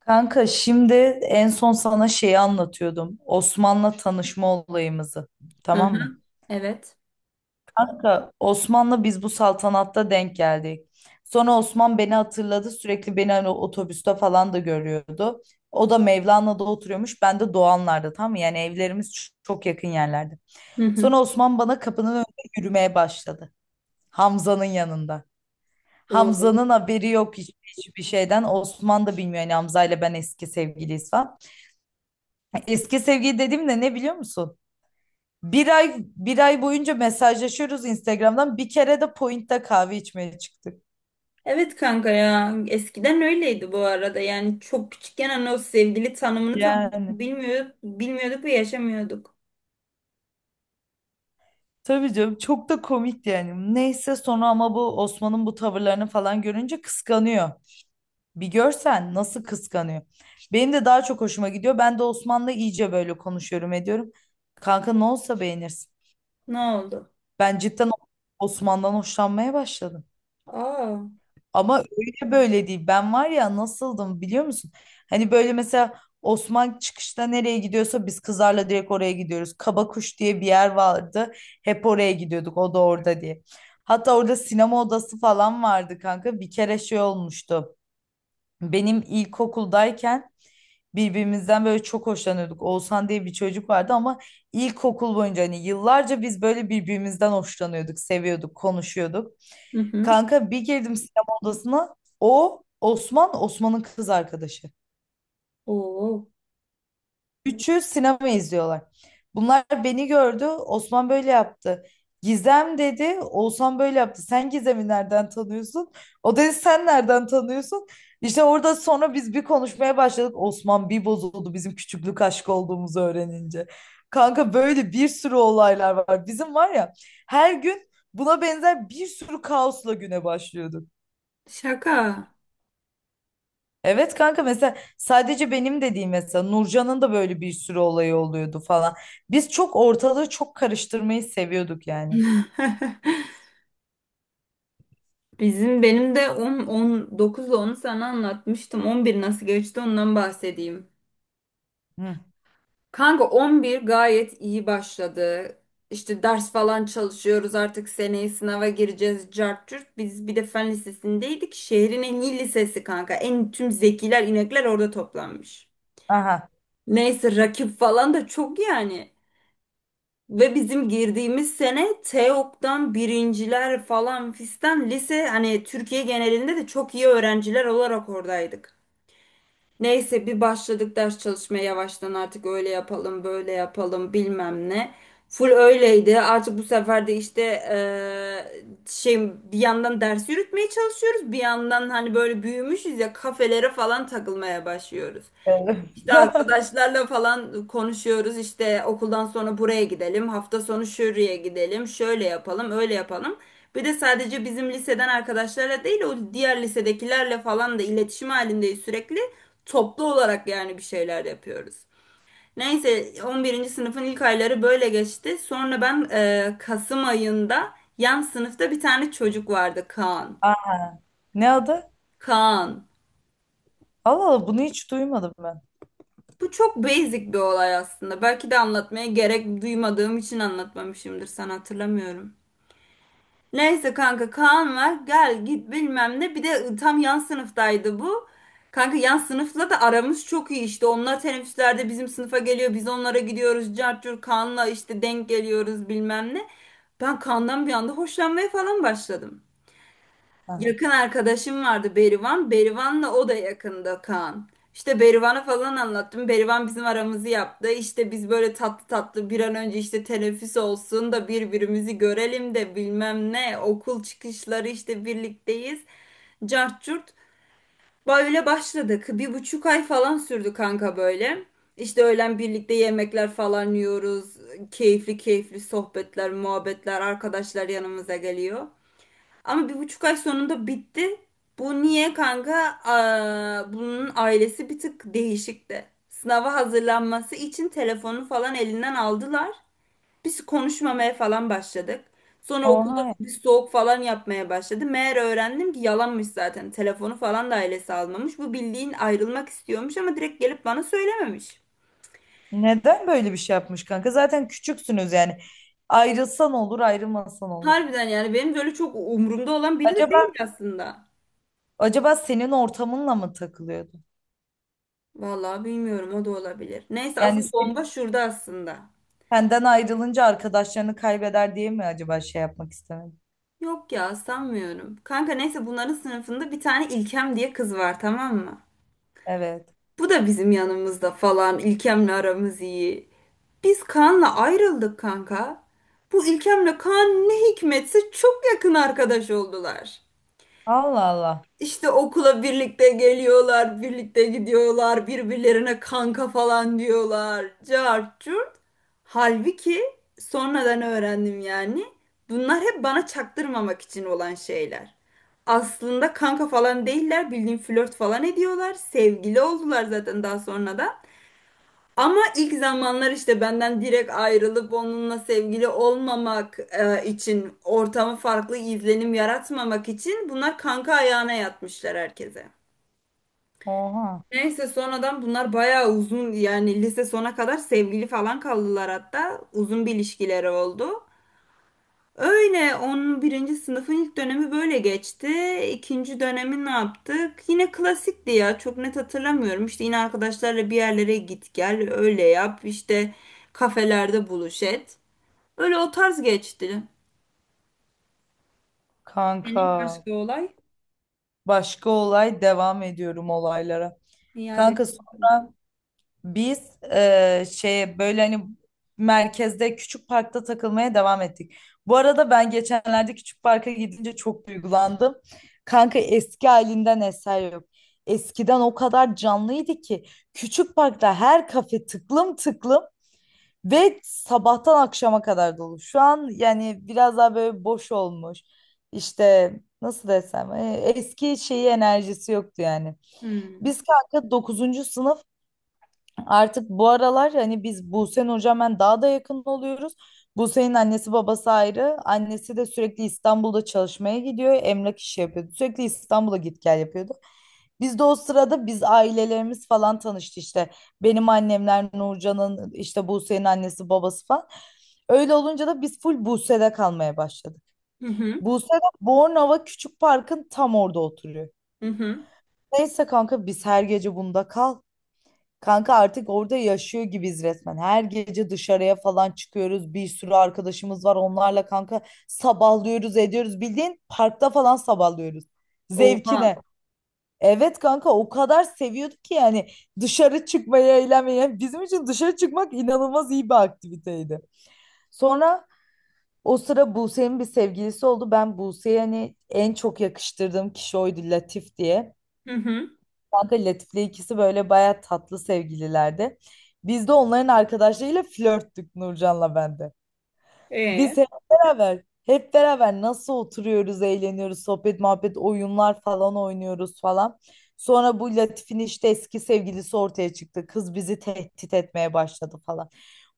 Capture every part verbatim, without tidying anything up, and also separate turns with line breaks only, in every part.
Kanka şimdi en son sana şeyi anlatıyordum. Osman'la tanışma olayımızı. Tamam mı?
Aha, evet.
Kanka Osman'la biz bu saltanatta denk geldik. Sonra Osman beni hatırladı. Sürekli beni hani otobüste falan da görüyordu. O da Mevlana'da oturuyormuş. Ben de Doğanlar'da, tamam mı? Yani evlerimiz ç- çok yakın yerlerde.
Hı
Sonra
hı.
Osman bana kapının önünde yürümeye başladı. Hamza'nın yanında.
Oo.
Hamza'nın haberi yok hiç- hiçbir şeyden. Osman da bilmiyor yani Hamza ile ben eski sevgiliyiz falan. Eski sevgili dediğim de ne biliyor musun? Bir ay bir ay boyunca mesajlaşıyoruz Instagram'dan. Bir kere de Point'te kahve içmeye çıktık.
Evet kanka ya eskiden öyleydi bu arada yani çok küçükken hani o sevgili tanımını tam
Yani
bilmiyorduk, bilmiyorduk ve yaşamıyorduk.
tabii canım, çok da komik yani. Neyse sonra, ama bu Osman'ın bu tavırlarını falan görünce, kıskanıyor. Bir görsen nasıl kıskanıyor. Benim de daha çok hoşuma gidiyor. Ben de Osman'la iyice böyle konuşuyorum ediyorum. Kanka ne olsa beğenirsin.
Ne oldu?
Ben cidden Osman'dan hoşlanmaya başladım.
Aa.
Ama öyle böyle değil. Ben var ya, nasıldım biliyor musun? Hani böyle mesela Osman çıkışta nereye gidiyorsa biz kızlarla direkt oraya gidiyoruz. Kabakuş diye bir yer vardı. Hep oraya gidiyorduk. O da orada diye. Hatta orada sinema odası falan vardı kanka. Bir kere şey olmuştu. Benim ilkokuldayken birbirimizden böyle çok hoşlanıyorduk. Oğuzhan diye bir çocuk vardı ama ilkokul boyunca hani yıllarca biz böyle birbirimizden hoşlanıyorduk, seviyorduk, konuşuyorduk.
Hı hı.
Kanka bir girdim sinema odasına. O Osman, Osman'ın kız arkadaşı.
Oo.
Üçü sinema izliyorlar. Bunlar beni gördü. Osman böyle yaptı. Gizem dedi. Oğuzhan böyle yaptı. Sen Gizem'i nereden tanıyorsun? O dedi sen nereden tanıyorsun? İşte orada sonra biz bir konuşmaya başladık. Osman bir bozuldu bizim küçüklük aşkı olduğumuzu öğrenince. Kanka böyle bir sürü olaylar var. Bizim var ya, her gün buna benzer bir sürü kaosla güne başlıyorduk.
Şaka.
Evet kanka, mesela sadece benim de değil, mesela Nurcan'ın da böyle bir sürü olayı oluyordu falan. Biz çok ortalığı çok karıştırmayı seviyorduk yani.
Bizim benim de on 19 ile onu sana anlatmıştım. On bir nasıl geçti ondan bahsedeyim.
Hı.
Kanka on bir gayet iyi başladı. İşte ders falan çalışıyoruz artık seneye sınava gireceğiz cart curt. Biz bir de fen lisesindeydik. Şehrin en iyi lisesi kanka. En tüm zekiler inekler orada toplanmış.
Aha.
Neyse rakip falan da çok yani. Ve bizim girdiğimiz sene TEOG'dan birinciler falan fistan lise hani Türkiye genelinde de çok iyi öğrenciler olarak oradaydık. Neyse bir başladık ders çalışmaya yavaştan artık öyle yapalım böyle yapalım bilmem ne. Full öyleydi. Artık bu sefer de işte eee, şey bir yandan ders yürütmeye çalışıyoruz. Bir yandan hani böyle büyümüşüz ya kafelere falan takılmaya başlıyoruz.
Evet.
İşte arkadaşlarla falan konuşuyoruz. İşte okuldan sonra buraya gidelim. Hafta sonu şuraya gidelim. Şöyle yapalım, öyle yapalım. Bir de sadece bizim liseden arkadaşlarla değil, o diğer lisedekilerle falan da iletişim halindeyiz sürekli. Toplu olarak yani bir şeyler yapıyoruz. Neyse on birinci sınıfın ilk ayları böyle geçti. Sonra ben e, Kasım ayında yan sınıfta bir tane çocuk vardı Kaan.
Aa, ne adı?
Kaan.
Allah Allah, bunu hiç duymadım ben.
Bu çok basic bir olay aslında. Belki de anlatmaya gerek duymadığım için anlatmamışımdır. Sen hatırlamıyorum. Neyse kanka Kaan var. Gel git bilmem ne. Bir de tam yan sınıftaydı bu. Kanka yan sınıfla da aramız çok iyi işte. Onlar teneffüslerde bizim sınıfa geliyor. Biz onlara gidiyoruz. Cartcur Kaan'la işte denk geliyoruz bilmem ne. Ben Kaan'dan bir anda hoşlanmaya falan başladım.
Aha.
Yakın arkadaşım vardı Berivan. Berivan'la o da yakında Kaan. İşte Berivan'a falan anlattım. Berivan bizim aramızı yaptı. İşte biz böyle tatlı tatlı bir an önce işte teneffüs olsun da birbirimizi görelim de bilmem ne. Okul çıkışları işte birlikteyiz. Cart curt. Böyle başladık. Bir buçuk ay falan sürdü kanka böyle. İşte öğlen birlikte yemekler falan yiyoruz. Keyifli keyifli sohbetler, muhabbetler, arkadaşlar yanımıza geliyor. Ama bir buçuk ay sonunda bitti. Bu niye kanka? Aa, bunun ailesi bir tık değişikti. Sınava hazırlanması için telefonu falan elinden aldılar. Biz konuşmamaya falan başladık. Sonra okulda
Oha.
bir soğuk falan yapmaya başladı. Meğer öğrendim ki yalanmış zaten. Telefonu falan da ailesi almamış. Bu bildiğin ayrılmak istiyormuş ama direkt gelip bana söylememiş.
Neden böyle bir şey yapmış kanka? Zaten küçüksünüz yani. Ayrılsan olur, ayrılmasan olur.
Harbiden yani benim böyle çok umurumda olan biri de
Acaba,
değil aslında.
acaba senin ortamınla mı takılıyordu?
Vallahi bilmiyorum o da olabilir. Neyse
Yani
asıl
sen-
bomba şurada aslında.
senden ayrılınca arkadaşlarını kaybeder diye mi acaba şey yapmak istemedi?
Yok ya sanmıyorum. Kanka neyse bunların sınıfında bir tane İlkem diye kız var tamam mı?
Evet.
Bu da bizim yanımızda falan. İlkem'le aramız iyi. Biz Kaan'la ayrıldık kanka. Bu İlkem'le Kaan ne hikmetse çok yakın arkadaş oldular.
Allah Allah.
İşte okula birlikte geliyorlar, birlikte gidiyorlar, birbirlerine kanka falan diyorlar. Cart curt. Halbuki sonradan öğrendim yani. Bunlar hep bana çaktırmamak için olan şeyler. Aslında kanka falan değiller, bildiğin flört falan ediyorlar. Sevgili oldular zaten daha sonra da. Ama ilk zamanlar işte benden direkt ayrılıp onunla sevgili olmamak e, için ortamı farklı izlenim yaratmamak için bunlar kanka ayağına yatmışlar herkese.
Oha.
Neyse sonradan bunlar bayağı uzun yani lise sona kadar sevgili falan kaldılar hatta uzun bir ilişkileri oldu. Öyle onun birinci sınıfın ilk dönemi böyle geçti. İkinci dönemi ne yaptık? Yine klasikti ya çok net hatırlamıyorum. İşte yine arkadaşlarla bir yerlere git gel öyle yap işte kafelerde buluş et. Öyle o tarz geçti. Senin
Kanka.
başka olay
Başka olay, devam ediyorum olaylara.
iade
Kanka so-
etmek.
biz e, şey, böyle hani merkezde küçük parkta takılmaya devam ettik. Bu arada ben geçenlerde küçük parka gidince çok duygulandım. Kanka eski halinden eser yok. Eskiden o kadar canlıydı ki küçük parkta her kafe tıklım tıklım ve sabahtan akşama kadar dolu. Şu an yani biraz daha böyle boş olmuş. İşte nasıl desem, e, eski şeyi, enerjisi yoktu yani.
Hmm.
Biz kanka dokuzuncu sınıf, artık bu aralar hani biz Buse'nin, hocam, ben daha da yakın oluyoruz. Buse'nin annesi babası ayrı. Annesi de sürekli İstanbul'da çalışmaya gidiyor. Emlak işi yapıyordu. Sürekli İstanbul'a git gel yapıyordu. Biz de o sırada biz ailelerimiz falan tanıştı işte. Benim annemler, Nurcan'ın, işte Buse'nin annesi babası falan. Öyle olunca da biz full Buse'de kalmaya başladık.
Hı hı.
Buse de Bornova Küçük Park'ın tam orada oturuyor.
Hı hı.
Neyse kanka biz her gece bunda kal. Kanka artık orada yaşıyor gibiyiz resmen. Her gece dışarıya falan çıkıyoruz. Bir sürü arkadaşımız var. Onlarla kanka sabahlıyoruz, ediyoruz. Bildiğin parkta falan sabahlıyoruz.
Oha.
Zevkine. Evet kanka, o kadar seviyorduk ki yani dışarı çıkmayı, eğlenmeyi. Yani bizim için dışarı çıkmak inanılmaz iyi bir aktiviteydi. Sonra o sıra Buse'nin bir sevgilisi oldu. Ben Buse'ye hani en çok yakıştırdığım kişi oydu, Latif diye.
Hı hı.
Kanka Latif'le ikisi böyle baya tatlı sevgililerdi. Biz de onların arkadaşlarıyla flörttük, Nurcan'la ben de.
Ee?
Biz hep beraber, hep beraber nasıl oturuyoruz, eğleniyoruz, sohbet, muhabbet, oyunlar falan oynuyoruz falan. Sonra bu Latif'in işte eski sevgilisi ortaya çıktı. Kız bizi tehdit etmeye başladı falan.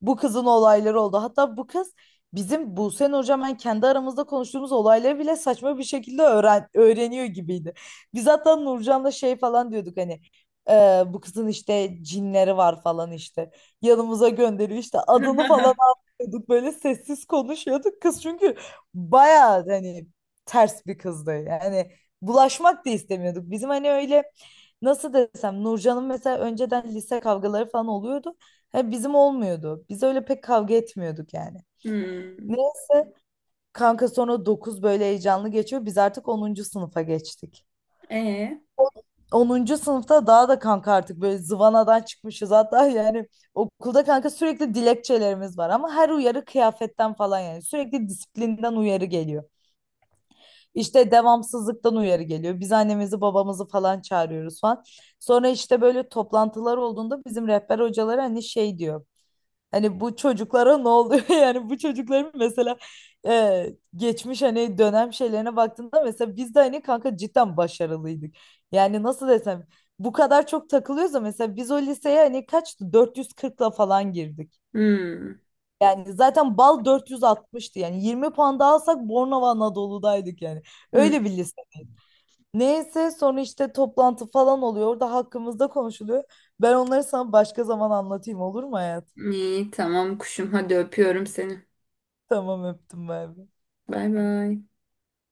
Bu kızın olayları oldu. Hatta bu kız bizim Buse'nin, hocam, ben kendi aramızda konuştuğumuz olayları bile saçma bir şekilde öğren öğreniyor gibiydi. Biz hatta Nurcan'la şey falan diyorduk hani, "Ee, bu kızın işte cinleri var falan işte. Yanımıza gönderiyor işte," adını falan konuşuyorduk, böyle sessiz konuşuyorduk, kız çünkü bayağı hani ters bir kızdı yani, bulaşmak da istemiyorduk. Bizim hani öyle, nasıl desem, Nurcan'ın mesela önceden lise kavgaları falan oluyordu, hani bizim olmuyordu, biz öyle pek kavga etmiyorduk yani.
Hmm.
Neyse kanka, sonra dokuz böyle heyecanlı geçiyor, biz artık onuncu sınıfa geçtik.
Ee?
Onuncu sınıfta daha da kanka artık böyle zıvanadan çıkmışız hatta yani. Okulda kanka sürekli dilekçelerimiz var, ama her uyarı kıyafetten falan, yani sürekli disiplinden uyarı geliyor. İşte devamsızlıktan uyarı geliyor. Biz annemizi babamızı falan çağırıyoruz falan. Sonra işte böyle toplantılar olduğunda bizim rehber hocaları hani şey diyor. Hani bu çocuklara ne oluyor? Yani bu çocukların mesela, e, geçmiş hani dönem şeylerine baktığında, mesela biz de hani kanka cidden başarılıydık. Yani nasıl desem, bu kadar çok takılıyorsa. Mesela biz o liseye hani, kaçtı? Dört yüz kırkla falan girdik.
Hmm.
Yani zaten bal dört yüz altmıştı. Yani yirmi puan daha alsak Bornova Anadolu'daydık yani.
Hmm.
Öyle bir lise. Neyse sonra işte toplantı falan oluyor. Orada hakkımızda konuşuluyor. Ben onları sana başka zaman anlatayım, olur mu hayatım?
İyi tamam kuşum hadi öpüyorum seni.
Tamam, öptüm ben.
Bay bay.